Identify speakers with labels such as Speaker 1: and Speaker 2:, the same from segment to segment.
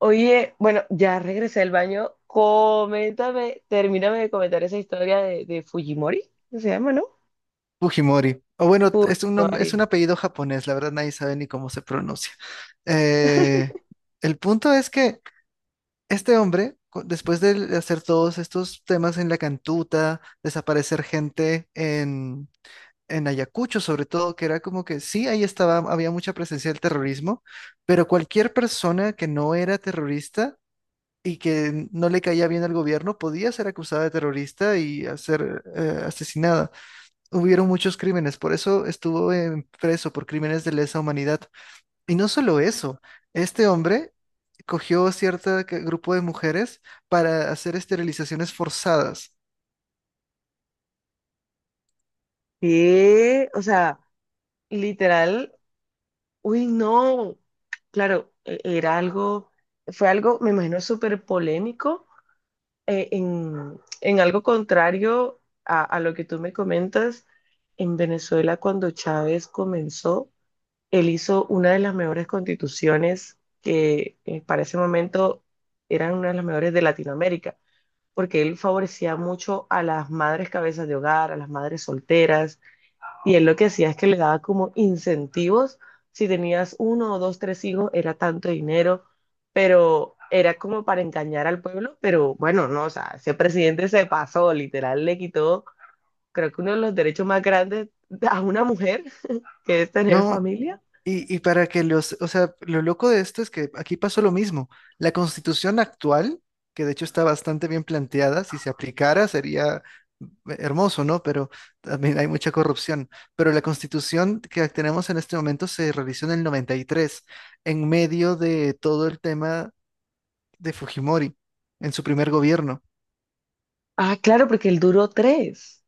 Speaker 1: Oye, bueno, ya regresé del baño. Coméntame, termíname de comentar esa historia de Fujimori, ¿qué se llama, no?
Speaker 2: Fujimori. O bueno, es
Speaker 1: Fujimori.
Speaker 2: es un apellido japonés, la verdad nadie sabe ni cómo se pronuncia. Eh, el punto es que este hombre, después de hacer todos estos temas en la cantuta, desaparecer gente en Ayacucho, sobre todo, que era como que sí, ahí estaba, había mucha presencia del terrorismo, pero cualquier persona que no era terrorista y que no le caía bien al gobierno podía ser acusada de terrorista y hacer asesinada hubieron muchos crímenes, por eso estuvo preso por crímenes de lesa humanidad. Y no solo eso, este hombre cogió cierto grupo de mujeres para hacer esterilizaciones forzadas.
Speaker 1: Sí, o sea, literal, uy, no. Claro, era algo, fue algo, me imagino, súper polémico, en algo contrario a lo que tú me comentas en Venezuela cuando Chávez comenzó. Él hizo una de las mejores constituciones que para ese momento eran una de las mejores de Latinoamérica, porque él favorecía mucho a las madres cabezas de hogar, a las madres solteras, y él lo que hacía es que le daba como incentivos, si tenías uno o dos, tres hijos, era tanto dinero, pero era como para engañar al pueblo, pero bueno, no, o sea, ese presidente se pasó, literal, le quitó, creo que uno de los derechos más grandes a una mujer, que es tener
Speaker 2: No.
Speaker 1: familia.
Speaker 2: Y para que los, o sea, lo loco de esto es que aquí pasó lo mismo. La constitución actual, que de hecho está bastante bien planteada, si se aplicara sería hermoso, ¿no? Pero también hay mucha corrupción. Pero la constitución que tenemos en este momento se realizó en el 93 en medio de todo el tema de Fujimori, en su primer gobierno.
Speaker 1: Ah, claro, porque él duró tres.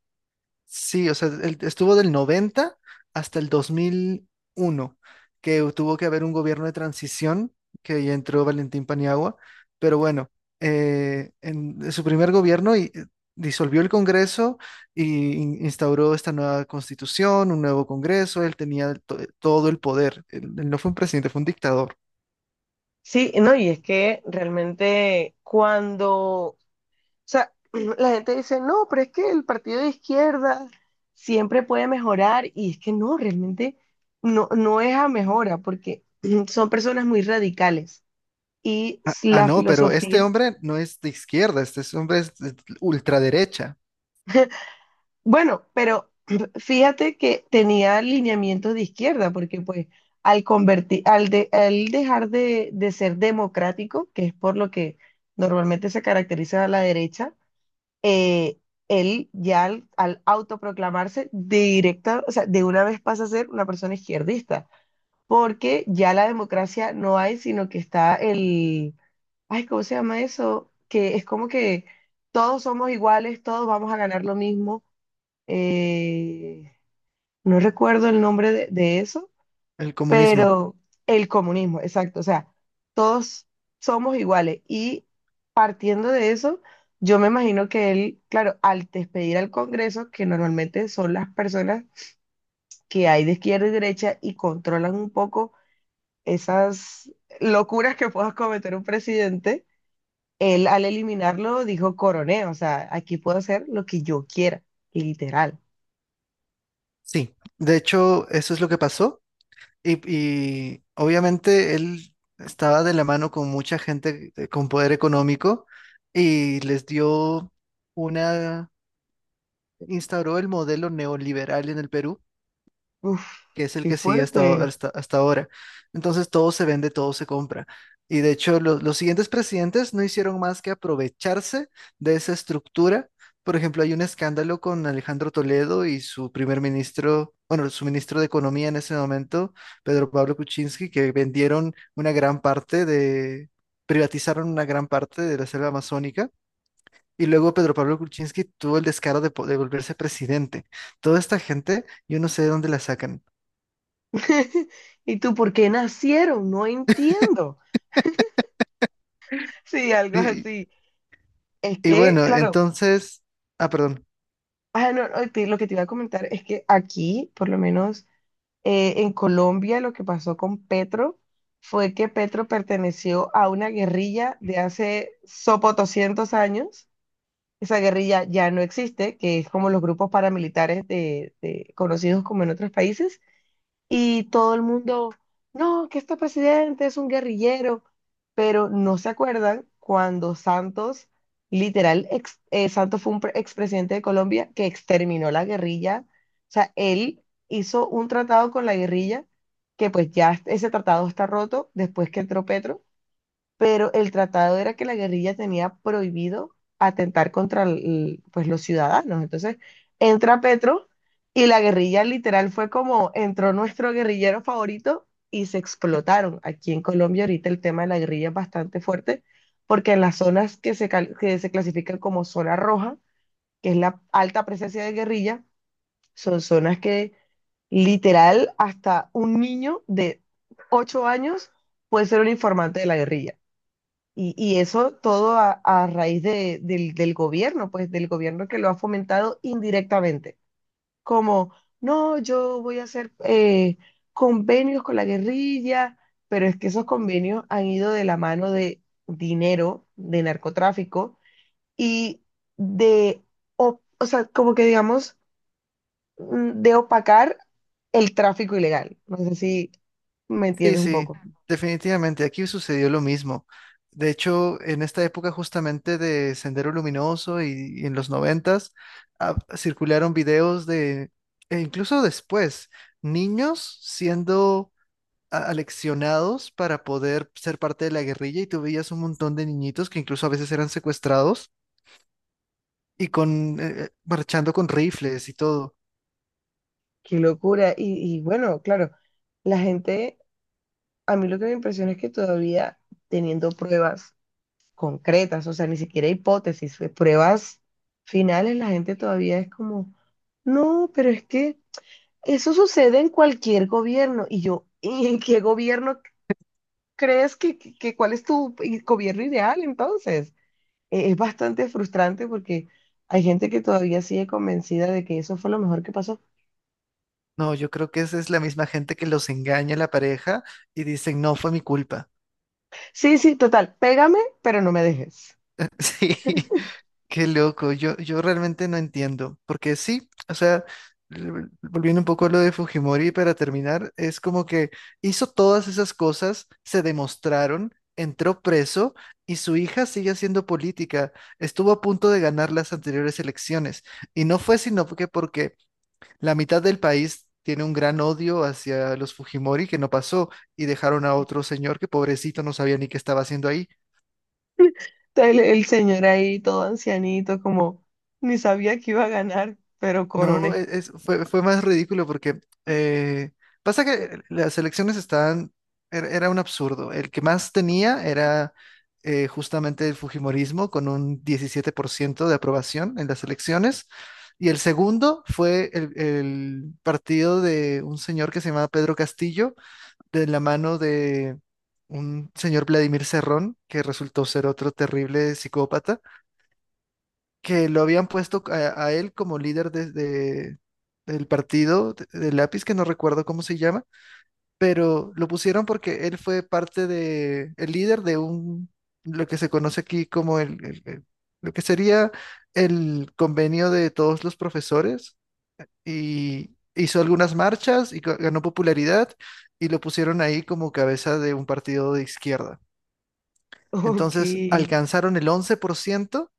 Speaker 2: Sí, o sea, él estuvo del 90 hasta el 2001, que tuvo que haber un gobierno de transición, que ahí entró Valentín Paniagua, pero bueno, en su primer gobierno disolvió el Congreso y instauró esta nueva constitución, un nuevo Congreso, él tenía todo el poder, él no fue un presidente, fue un dictador.
Speaker 1: Sí, no, y es que realmente cuando, o sea, la gente dice, no, pero es que el partido de izquierda siempre puede mejorar, y es que no, realmente no, no es a mejora, porque son personas muy radicales y
Speaker 2: Ah,
Speaker 1: la
Speaker 2: no, pero este
Speaker 1: filosofía.
Speaker 2: hombre no es de izquierda, este hombre es de ultraderecha,
Speaker 1: Bueno, pero fíjate que tenía alineamiento de izquierda, porque pues al convertir, al, al dejar de ser democrático, que es por lo que normalmente se caracteriza a la derecha, eh, él ya al, al autoproclamarse directa, o sea, de una vez pasa a ser una persona izquierdista, porque ya la democracia no hay, sino que está el, ay, ¿cómo se llama eso? Que es como que todos somos iguales, todos vamos a ganar lo mismo, eh, no recuerdo el nombre de eso,
Speaker 2: el comunismo.
Speaker 1: pero el comunismo, exacto, o sea, todos somos iguales y partiendo de eso, yo me imagino que él, claro, al despedir al Congreso, que normalmente son las personas que hay de izquierda y derecha y controlan un poco esas locuras que pueda cometer un presidente, él al eliminarlo dijo coroné, o sea, aquí puedo hacer lo que yo quiera, literal.
Speaker 2: Sí, de hecho, eso es lo que pasó. Y obviamente él estaba de la mano con mucha gente con poder económico y les dio una, instauró el modelo neoliberal en el Perú
Speaker 1: Uf,
Speaker 2: que es el
Speaker 1: qué
Speaker 2: que sigue hasta,
Speaker 1: fuerte.
Speaker 2: hasta, hasta ahora. Entonces todo se vende, todo se compra. Y de hecho los siguientes presidentes no hicieron más que aprovecharse de esa estructura. Por ejemplo, hay un escándalo con Alejandro Toledo y su primer ministro, bueno, su ministro de Economía en ese momento, Pedro Pablo Kuczynski, que vendieron una gran parte de, privatizaron una gran parte de la selva amazónica. Y luego Pedro Pablo Kuczynski tuvo el descaro de, de volverse presidente. Toda esta gente, yo no sé de dónde la sacan.
Speaker 1: ¿Y tú por qué nacieron? No entiendo. Sí, algo
Speaker 2: Sí.
Speaker 1: así. Es
Speaker 2: Y
Speaker 1: que,
Speaker 2: bueno,
Speaker 1: claro,
Speaker 2: entonces, ah, perdón.
Speaker 1: ah, no, no, lo que te iba a comentar es que aquí, por lo menos en Colombia, lo que pasó con Petro fue que Petro perteneció a una guerrilla de hace sopo 200 años. Esa guerrilla ya no existe, que es como los grupos paramilitares conocidos como en otros países. Y todo el mundo, no, que este presidente es un guerrillero, pero no se acuerdan cuando Santos, literal, Santos fue un expresidente de Colombia que exterminó la guerrilla, o sea, él hizo un tratado con la guerrilla, que pues ya ese tratado está roto después que entró Petro, pero el tratado era que la guerrilla tenía prohibido atentar contra pues, los ciudadanos. Entonces entra Petro y la guerrilla literal fue como entró nuestro guerrillero favorito y se explotaron. Aquí en Colombia ahorita el tema de la guerrilla es bastante fuerte porque en las zonas que que se clasifican como zona roja, que es la alta presencia de guerrilla, son zonas que literal hasta un niño de 8 años puede ser un informante de la guerrilla. Y eso todo a raíz del gobierno, pues del gobierno que lo ha fomentado indirectamente. Como, no, yo voy a hacer convenios con la guerrilla, pero es que esos convenios han ido de la mano de dinero, de narcotráfico y de, o sea, como que digamos, de opacar el tráfico ilegal. No sé si me
Speaker 2: Sí,
Speaker 1: entiendes un
Speaker 2: sí,
Speaker 1: poco.
Speaker 2: definitivamente, aquí sucedió lo mismo. De hecho, en esta época justamente de Sendero Luminoso y en los noventas, ah, circularon videos de, e incluso después, niños siendo aleccionados para poder ser parte de la guerrilla y tú veías un montón de niñitos que incluso a veces eran secuestrados y con, marchando con rifles y todo.
Speaker 1: Qué locura. Y bueno, claro, la gente, a mí lo que me impresiona es que todavía teniendo pruebas concretas, o sea, ni siquiera hipótesis, fue pruebas finales, la gente todavía es como, no, pero es que eso sucede en cualquier gobierno. Y yo, ¿y en qué gobierno crees que, cuál es tu gobierno ideal entonces? Es bastante frustrante porque hay gente que todavía sigue convencida de que eso fue lo mejor que pasó.
Speaker 2: No, yo creo que esa es la misma gente que los engaña a la pareja y dicen, no fue mi culpa.
Speaker 1: Sí, sí, total, pégame, pero no me dejes.
Speaker 2: Sí, qué loco. Yo realmente no entiendo. Porque sí, o sea, volviendo un poco a lo de Fujimori para terminar, es como que hizo todas esas cosas, se demostraron, entró preso y su hija sigue haciendo política. Estuvo a punto de ganar las anteriores elecciones. Y no fue sino que porque la mitad del país tiene un gran odio hacia los Fujimori que no pasó y dejaron a otro señor que pobrecito no sabía ni qué estaba haciendo ahí.
Speaker 1: El señor ahí todo ancianito, como ni sabía que iba a ganar, pero
Speaker 2: No,
Speaker 1: coroné.
Speaker 2: fue más ridículo porque eh, pasa que las elecciones estaban, era un absurdo. El que más tenía era justamente el Fujimorismo con un 17% de aprobación en las elecciones. Y el segundo fue el partido de un señor que se llamaba Pedro Castillo, de la mano de un señor Vladimir Cerrón, que resultó ser otro terrible psicópata, que lo habían puesto a él como líder desde del partido de Lápiz, que no recuerdo cómo se llama, pero lo pusieron porque él fue parte de, el líder de un, lo que se conoce aquí como lo que sería el convenio de todos los profesores y hizo algunas marchas y ganó popularidad y lo pusieron ahí como cabeza de un partido de izquierda.
Speaker 1: Ok.
Speaker 2: Entonces alcanzaron el 11%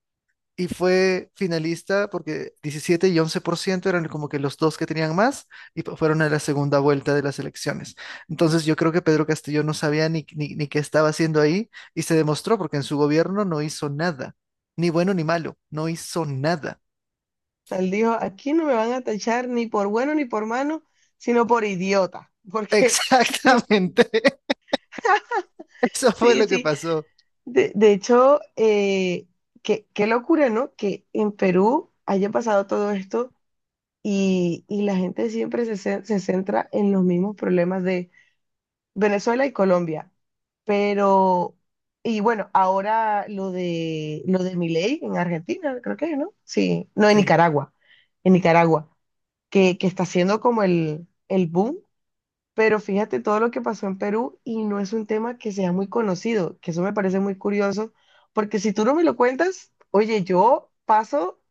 Speaker 2: y fue finalista porque 17% y 11% eran como que los dos que tenían más y fueron a la segunda vuelta de las elecciones. Entonces yo creo que Pedro Castillo no sabía ni qué estaba haciendo ahí y se demostró porque en su gobierno no hizo nada, ni bueno ni malo, no hizo nada.
Speaker 1: Tal dijo, aquí no me van a tachar ni por bueno ni por malo, sino por idiota. Porque,
Speaker 2: Exactamente, eso fue
Speaker 1: sí,
Speaker 2: lo que
Speaker 1: sí.
Speaker 2: pasó.
Speaker 1: De hecho, qué, qué locura, ¿no? Que en Perú haya pasado todo esto y la gente siempre se centra en los mismos problemas de Venezuela y Colombia. Pero, y bueno, ahora lo de Milei en Argentina, creo que, ¿no? Sí, no,
Speaker 2: Sí.
Speaker 1: En Nicaragua, que está siendo como el boom, pero fíjate todo lo que pasó en Perú y no es un tema que sea muy conocido, que eso me parece muy curioso, porque si tú no me lo cuentas, oye, yo paso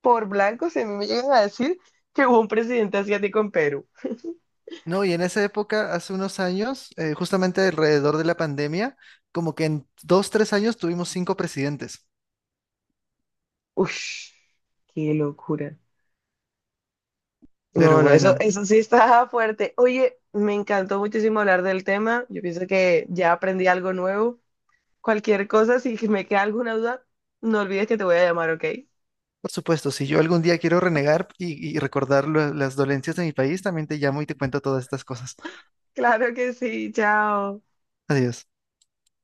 Speaker 1: por blanco si a mí me llegan a decir que hubo un presidente asiático en Perú.
Speaker 2: No, y en esa época, hace unos años, justamente alrededor de la pandemia, como que en 2, 3 años tuvimos cinco presidentes.
Speaker 1: Uf, qué locura.
Speaker 2: Pero
Speaker 1: No, no, eso,
Speaker 2: bueno,
Speaker 1: eso sí está fuerte. Oye, me encantó muchísimo hablar del tema. Yo pienso que ya aprendí algo nuevo. Cualquier cosa, si me queda alguna duda, no olvides que te voy a llamar, ¿ok?
Speaker 2: por supuesto, si yo algún día quiero renegar y recordar las dolencias de mi país, también te llamo y te cuento todas estas cosas.
Speaker 1: Claro que sí, chao.
Speaker 2: Adiós.